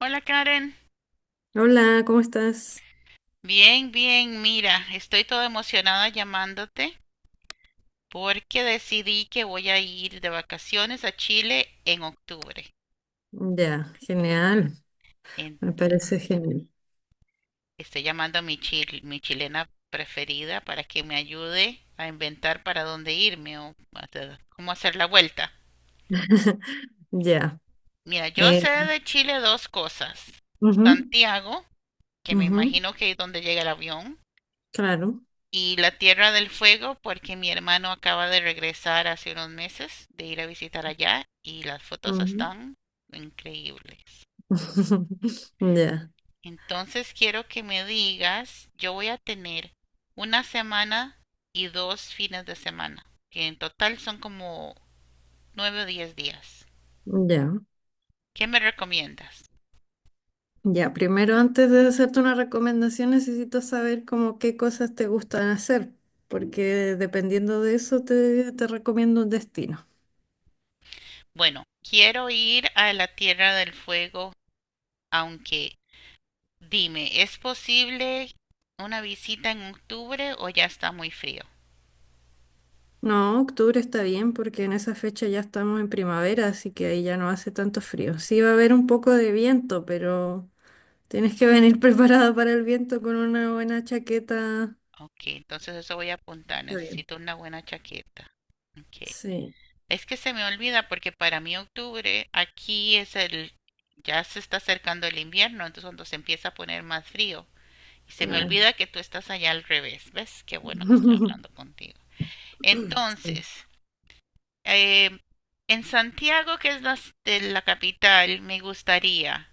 Hola Karen, Hola, ¿cómo estás? bien, bien, mira, estoy toda emocionada llamándote porque decidí que voy a ir de vacaciones a Chile en octubre. Ya, genial, me parece Entonces, genial. estoy llamando a mi chilena preferida para que me ayude a inventar para dónde irme o hasta cómo hacer la vuelta. Ya, Mira, yo eh, sé de Chile dos cosas. ujú, Santiago, que me ujú, imagino que es donde llega el avión, claro. y la Tierra del Fuego porque mi hermano acaba de regresar hace unos meses de ir a visitar allá y las fotos Ujú. están increíbles. Ya, Entonces quiero que me digas, yo voy a tener una semana y 2 fines de semana, que en total son como 9 o 10 días. ya, ¿Qué me recomiendas? ya. Primero, antes de hacerte una recomendación, necesito saber como qué cosas te gustan hacer, porque dependiendo de eso te recomiendo un destino. Bueno, quiero ir a la Tierra del Fuego, aunque dime, ¿es posible una visita en octubre o ya está muy frío? No, octubre está bien porque en esa fecha ya estamos en primavera, así que ahí ya no hace tanto frío. Sí va a haber un poco de viento, pero... Tienes que venir preparada para el viento con una buena chaqueta. Ok, entonces eso voy a apuntar. Está bien. Necesito una buena chaqueta. Ok. Sí, Es que se me olvida porque para mí octubre aquí es el, ya se está acercando el invierno, entonces cuando se empieza a poner más frío. Y se me claro. olvida que tú estás allá al revés. ¿Ves? Qué bueno que estoy hablando contigo. Sí. Entonces, eh, en Santiago, que es de la capital, me gustaría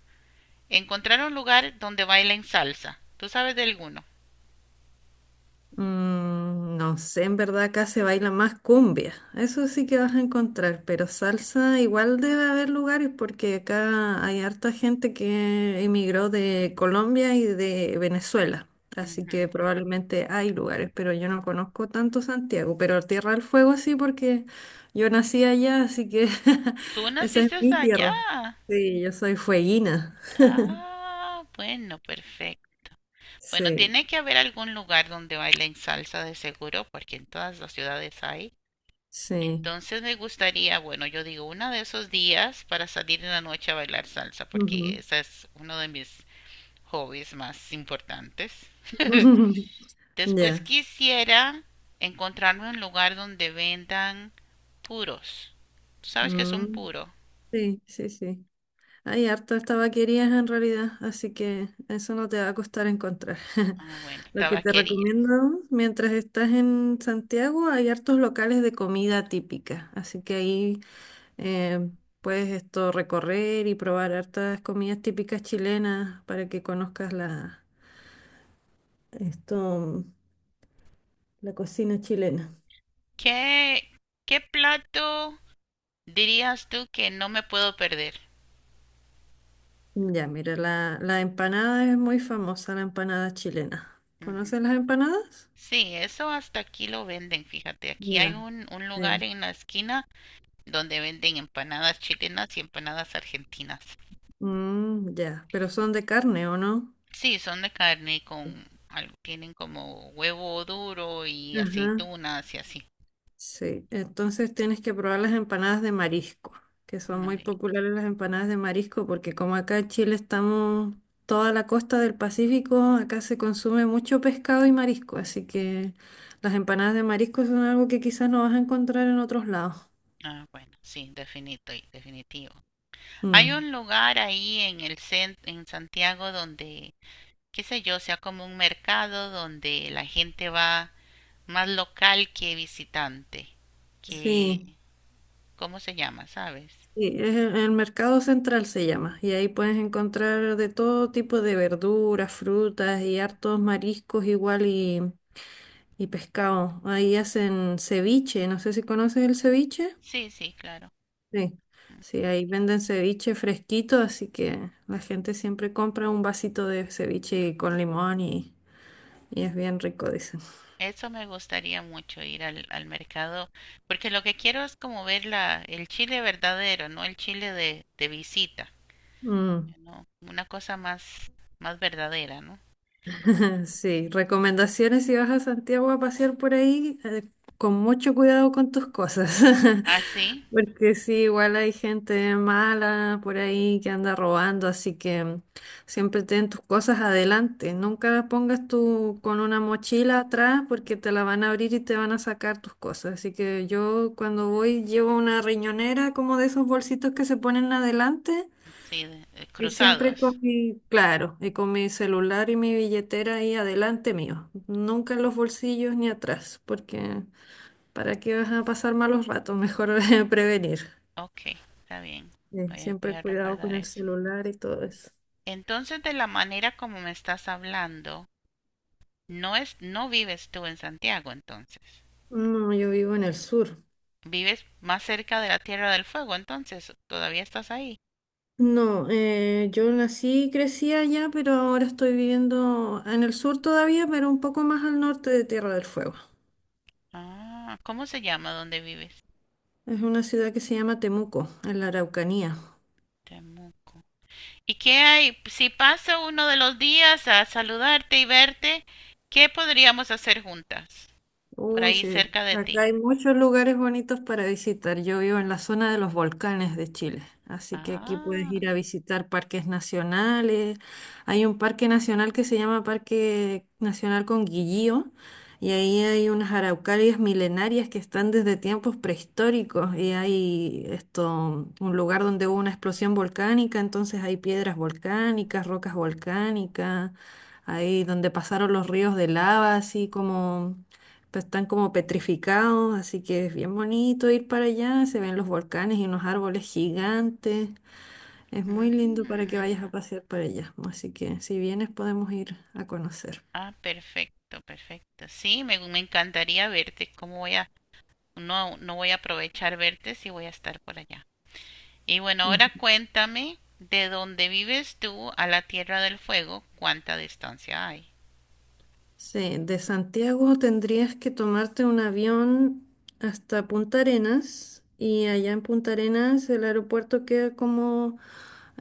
encontrar un lugar donde bailen salsa. ¿Tú sabes de alguno? Mm, no sé, en verdad acá se baila más cumbia. Eso sí que vas a encontrar, pero salsa igual debe haber lugares porque acá hay harta gente que emigró de Colombia y de Venezuela. Así que Ujú. probablemente hay lugares, pero yo no conozco tanto Santiago, pero Tierra del Fuego sí porque yo nací allá, así que Tú esa es naciste mi allá. tierra. Sí, yo soy fueguina. Ah, bueno, perfecto. Bueno, Sí, tiene que haber algún lugar donde bailen salsa de seguro, porque en todas las ciudades hay. sí. Entonces me gustaría, bueno, yo digo, uno de esos días para salir en la noche a bailar salsa, porque Ujú. ese es uno de mis hobbies más importantes. Después Ya. quisiera encontrarme un lugar donde vendan puros. ¿Tú sabes qué es un Mm. puro? Sí, sí, sí. Hay hartas tabaquerías en realidad, así que eso no te va a costar encontrar. Ah, bueno, Lo que te tabaquería. recomiendo, mientras estás en Santiago, hay hartos locales de comida típica, así que ahí eh, puedes esto recorrer y probar hartas comidas típicas chilenas para que conozcas esto, la cocina chilena. ¿Qué, qué plato? Dirías tú que no me puedo perder. Ya, mira, la empanada es muy famosa, la empanada chilena. Ujú. ¿Conoces las empanadas? Sí, eso hasta aquí lo venden, fíjate. Aquí hay Ya. un lugar Sí. en la esquina donde venden empanadas chilenas y empanadas argentinas. Mm, ya, pero son de carne, ¿o no? Sí, son de carne y tienen como huevo duro y Ajá. aceitunas y así. Sí, entonces tienes que probar las empanadas de marisco, que son muy Madre- populares las empanadas de marisco, porque como acá en Chile estamos toda la costa del Pacífico, acá se consume mucho pescado y marisco, así que las empanadas de marisco son algo que quizás no vas a encontrar en otros lados. Ah, bueno, sí, definito y definitivo. Hay Mm. un lugar ahí en el centro en Santiago donde, qué sé yo, sea como un mercado donde la gente va más local que visitante, que Sí. ¿cómo se llama? ¿Sabes? Sí, es el mercado central se llama, y ahí puedes encontrar de todo tipo de verduras, frutas y hartos mariscos igual y pescado. Ahí hacen ceviche, no sé si conoces el ceviche. Sí, sí, claro. Sí, sí, ahí venden ceviche fresquito, así que la gente siempre compra un vasito de ceviche con limón y es bien rico, dicen. Eso me gustaría mucho ir al, al mercado, porque lo que quiero es como ver la, el chile verdadero, no el chile de visita, Mm. ¿no? Una cosa más, más verdadera, ¿no? Sí, recomendaciones si vas a Santiago a pasear por ahí, con mucho cuidado con tus cosas, Ah, sí, porque sí, igual hay gente mala por ahí que anda robando, así que mm, siempre ten tus cosas adelante, nunca las pongas tú con una mochila atrás porque te la van a abrir y te van a sacar tus cosas, así que yo cuando voy llevo una riñonera como de esos bolsitos que se ponen adelante. sí, de Y siempre cruzados. con mi, claro, y con mi celular y mi billetera ahí adelante mío. Nunca en los bolsillos ni atrás, porque ¿para qué vas a pasar malos ratos? Mejor prevenir. Ok, está bien. Voy a, voy Siempre a cuidado con recordar el eso. celular y todo eso. Entonces, de la manera como me estás hablando, no vives tú en Santiago, entonces. No, yo vivo en el sur. Vives más cerca de la Tierra del Fuego, entonces todavía estás ahí. No, yo nací y crecí allá, pero ahora estoy viviendo en el sur todavía, pero un poco más al norte de Tierra del Fuego. Ah, ¿cómo se llama donde vives? Es una ciudad que se llama Temuco, en la Araucanía. Temu. ¿Y qué hay? Si pasa uno de los días a saludarte y verte, ¿qué podríamos hacer juntas? Por Uy, ahí sí. cerca de Acá ti. hay muchos lugares bonitos para visitar. Yo vivo en la zona de los volcanes de Chile, así que aquí puedes Ah, ir a visitar parques nacionales. Hay un parque nacional que se llama Parque Nacional Conguillío y ahí hay unas araucarias milenarias que están desde tiempos prehistóricos y hay esto, un lugar donde hubo una explosión volcánica, entonces hay piedras volcánicas, rocas volcánicas, ahí donde pasaron los ríos de lava, así como pues, están como petrificados, así que es bien bonito ir para allá. Se ven los volcanes y unos árboles gigantes. Es muy lindo para que mm. vayas a pasear para allá. Así que si vienes podemos ir a conocer. Ah, perfecto, perfecto. Sí, me encantaría verte. ¿Cómo voy a, no, no voy a aprovechar verte si voy a estar por allá? Y bueno, ahora cuéntame de donde vives tú a la Tierra del Fuego, cuánta distancia hay. Sí, de Santiago tendrías que tomarte un avión hasta Punta Arenas y allá en Punta Arenas el aeropuerto queda como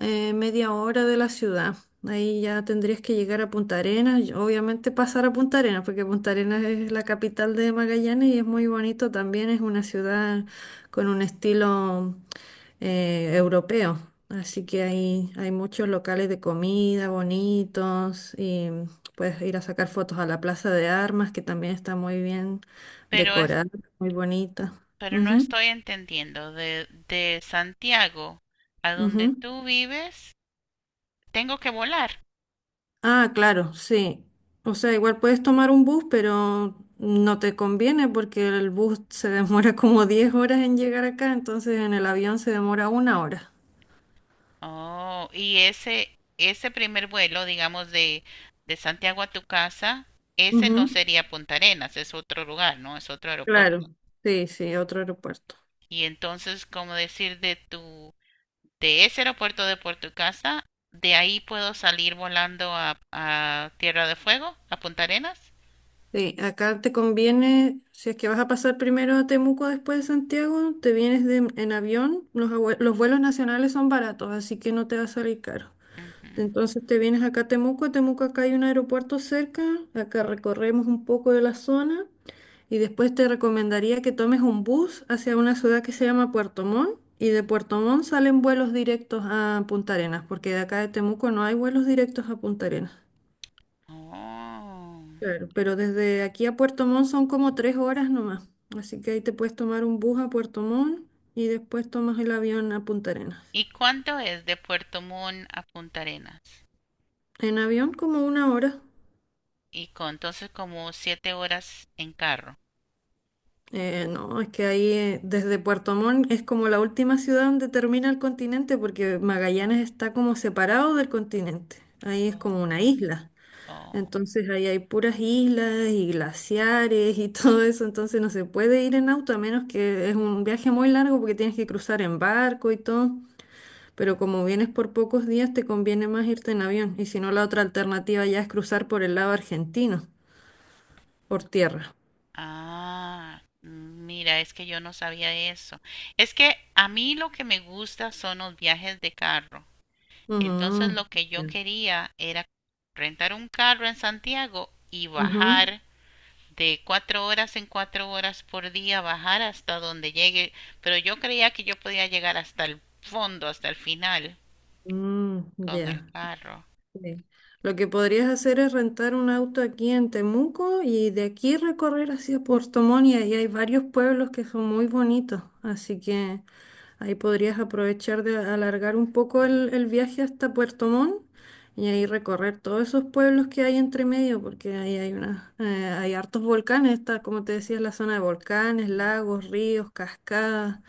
media hora de la ciudad. Ahí ya tendrías que llegar a Punta Arenas, y obviamente pasar a Punta Arenas, porque Punta Arenas es la capital de Magallanes y es muy bonito también, es una ciudad con un estilo europeo. Así que ahí hay muchos locales de comida bonitos. Puedes ir a sacar fotos a la Plaza de Armas, que también está muy bien Pero es, decorada, muy bonita. pero no Ujú, estoy entendiendo de Santiago a donde ujú. tú vives, tengo que volar. Ah, claro, sí. O sea, igual puedes tomar un bus, pero no te conviene porque el bus se demora como 10 horas en llegar acá, entonces en el avión se demora una hora. Oh, y ese primer vuelo, digamos de Santiago a tu casa, ese no Ujú. sería Punta Arenas, es otro lugar, ¿no? Es otro aeropuerto. Claro, sí, sí, otro aeropuerto. Y entonces, como decir de ese aeropuerto de Puerto Casa, de ahí puedo salir volando a Tierra de Fuego, a Punta Arenas. Sí, acá te conviene, si es que vas a pasar primero a Temuco después de Santiago, te vienes en avión, los vuelos nacionales son baratos, así que no te va a salir caro. Ujú. Entonces te vienes acá a Temuco acá hay un aeropuerto cerca, acá recorremos un poco de la zona y después te recomendaría que tomes un bus hacia una ciudad que se llama Puerto Montt y de Puerto Montt salen vuelos directos a Punta Arenas, porque de acá de Temuco no hay vuelos directos a Punta Arenas. Oh. Claro, pero desde aquí a Puerto Montt son como 3 horas nomás. Así que ahí te puedes tomar un bus a Puerto Montt y después tomas el avión a Punta Arenas. ¿Y cuánto es de Puerto Montt a Punta Arenas? En avión como una hora. Y con, entonces como 7 horas en carro. No, es que ahí desde Puerto Montt es como la última ciudad donde termina el continente porque Magallanes está como separado del continente. Ahí es Oh. como una isla. Oh. Entonces ahí hay puras islas y glaciares y todo eso. Entonces no se puede ir en auto a menos que es un viaje muy largo porque tienes que cruzar en barco y todo. Pero como vienes por pocos días, te conviene más irte en avión. Y si no, la otra alternativa ya es cruzar por el lado argentino, por tierra. Ah, mira, es que yo no sabía eso. Es que a mí lo que me gusta son los viajes de carro. Ujú. Entonces lo que yo Ya. quería era rentar un carro en Santiago y Ujú, bajar de 4 horas en 4 horas por día, bajar hasta donde llegue. Pero yo creía que yo podía llegar hasta el fondo, hasta el final mm, con el ya. carro. Sí. Lo que podrías hacer es rentar un auto aquí en Temuco y de aquí recorrer hacia Puerto Montt y ahí hay varios pueblos que son muy bonitos, así que ahí podrías aprovechar de alargar un poco el viaje hasta Puerto Montt y ahí recorrer todos esos pueblos que hay entre medio, porque ahí hay hay hartos volcanes, está, como te decía, la zona de volcanes, Mm. lagos, ríos, cascadas.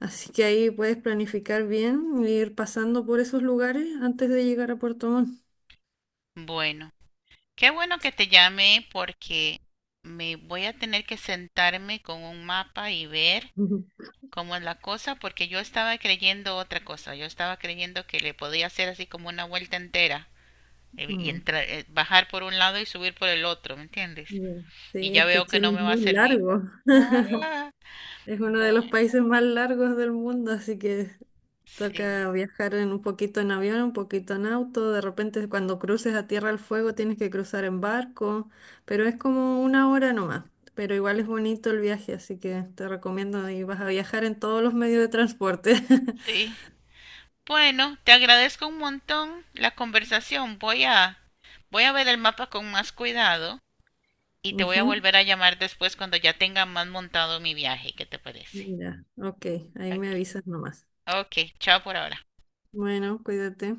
Así que ahí puedes planificar bien, e ir pasando por esos lugares antes de llegar a Puerto Montt. Bueno, qué bueno que te llamé porque me voy a tener que sentarme con un mapa y ver Ujú. cómo es la cosa porque yo estaba creyendo otra cosa. Yo estaba creyendo que le podía hacer así como una vuelta entera Mm, bajar por un lado y subir por el otro, ¿me entiendes? ya. Sí, Y ya es que veo que Chile no me es va a muy servir. largo. Ah, Es uno de los bueno, países más largos del mundo, así que sí, toca viajar en un poquito en avión, un poquito en auto. De repente, cuando cruces a Tierra del Fuego, tienes que cruzar en barco, pero es como una hora nomás. Pero igual es bonito el viaje, así que te recomiendo y vas a viajar en todos los medios de transporte. sí. Bueno, te agradezco un montón la conversación. Voy a ver el mapa con más cuidado y te voy a Ujú. volver a llamar después cuando ya tenga más montado mi viaje. ¿Qué te parece? Ya, ok, ahí me Ok, avisas nomás. ok, chao por ahora. Bueno, cuídate.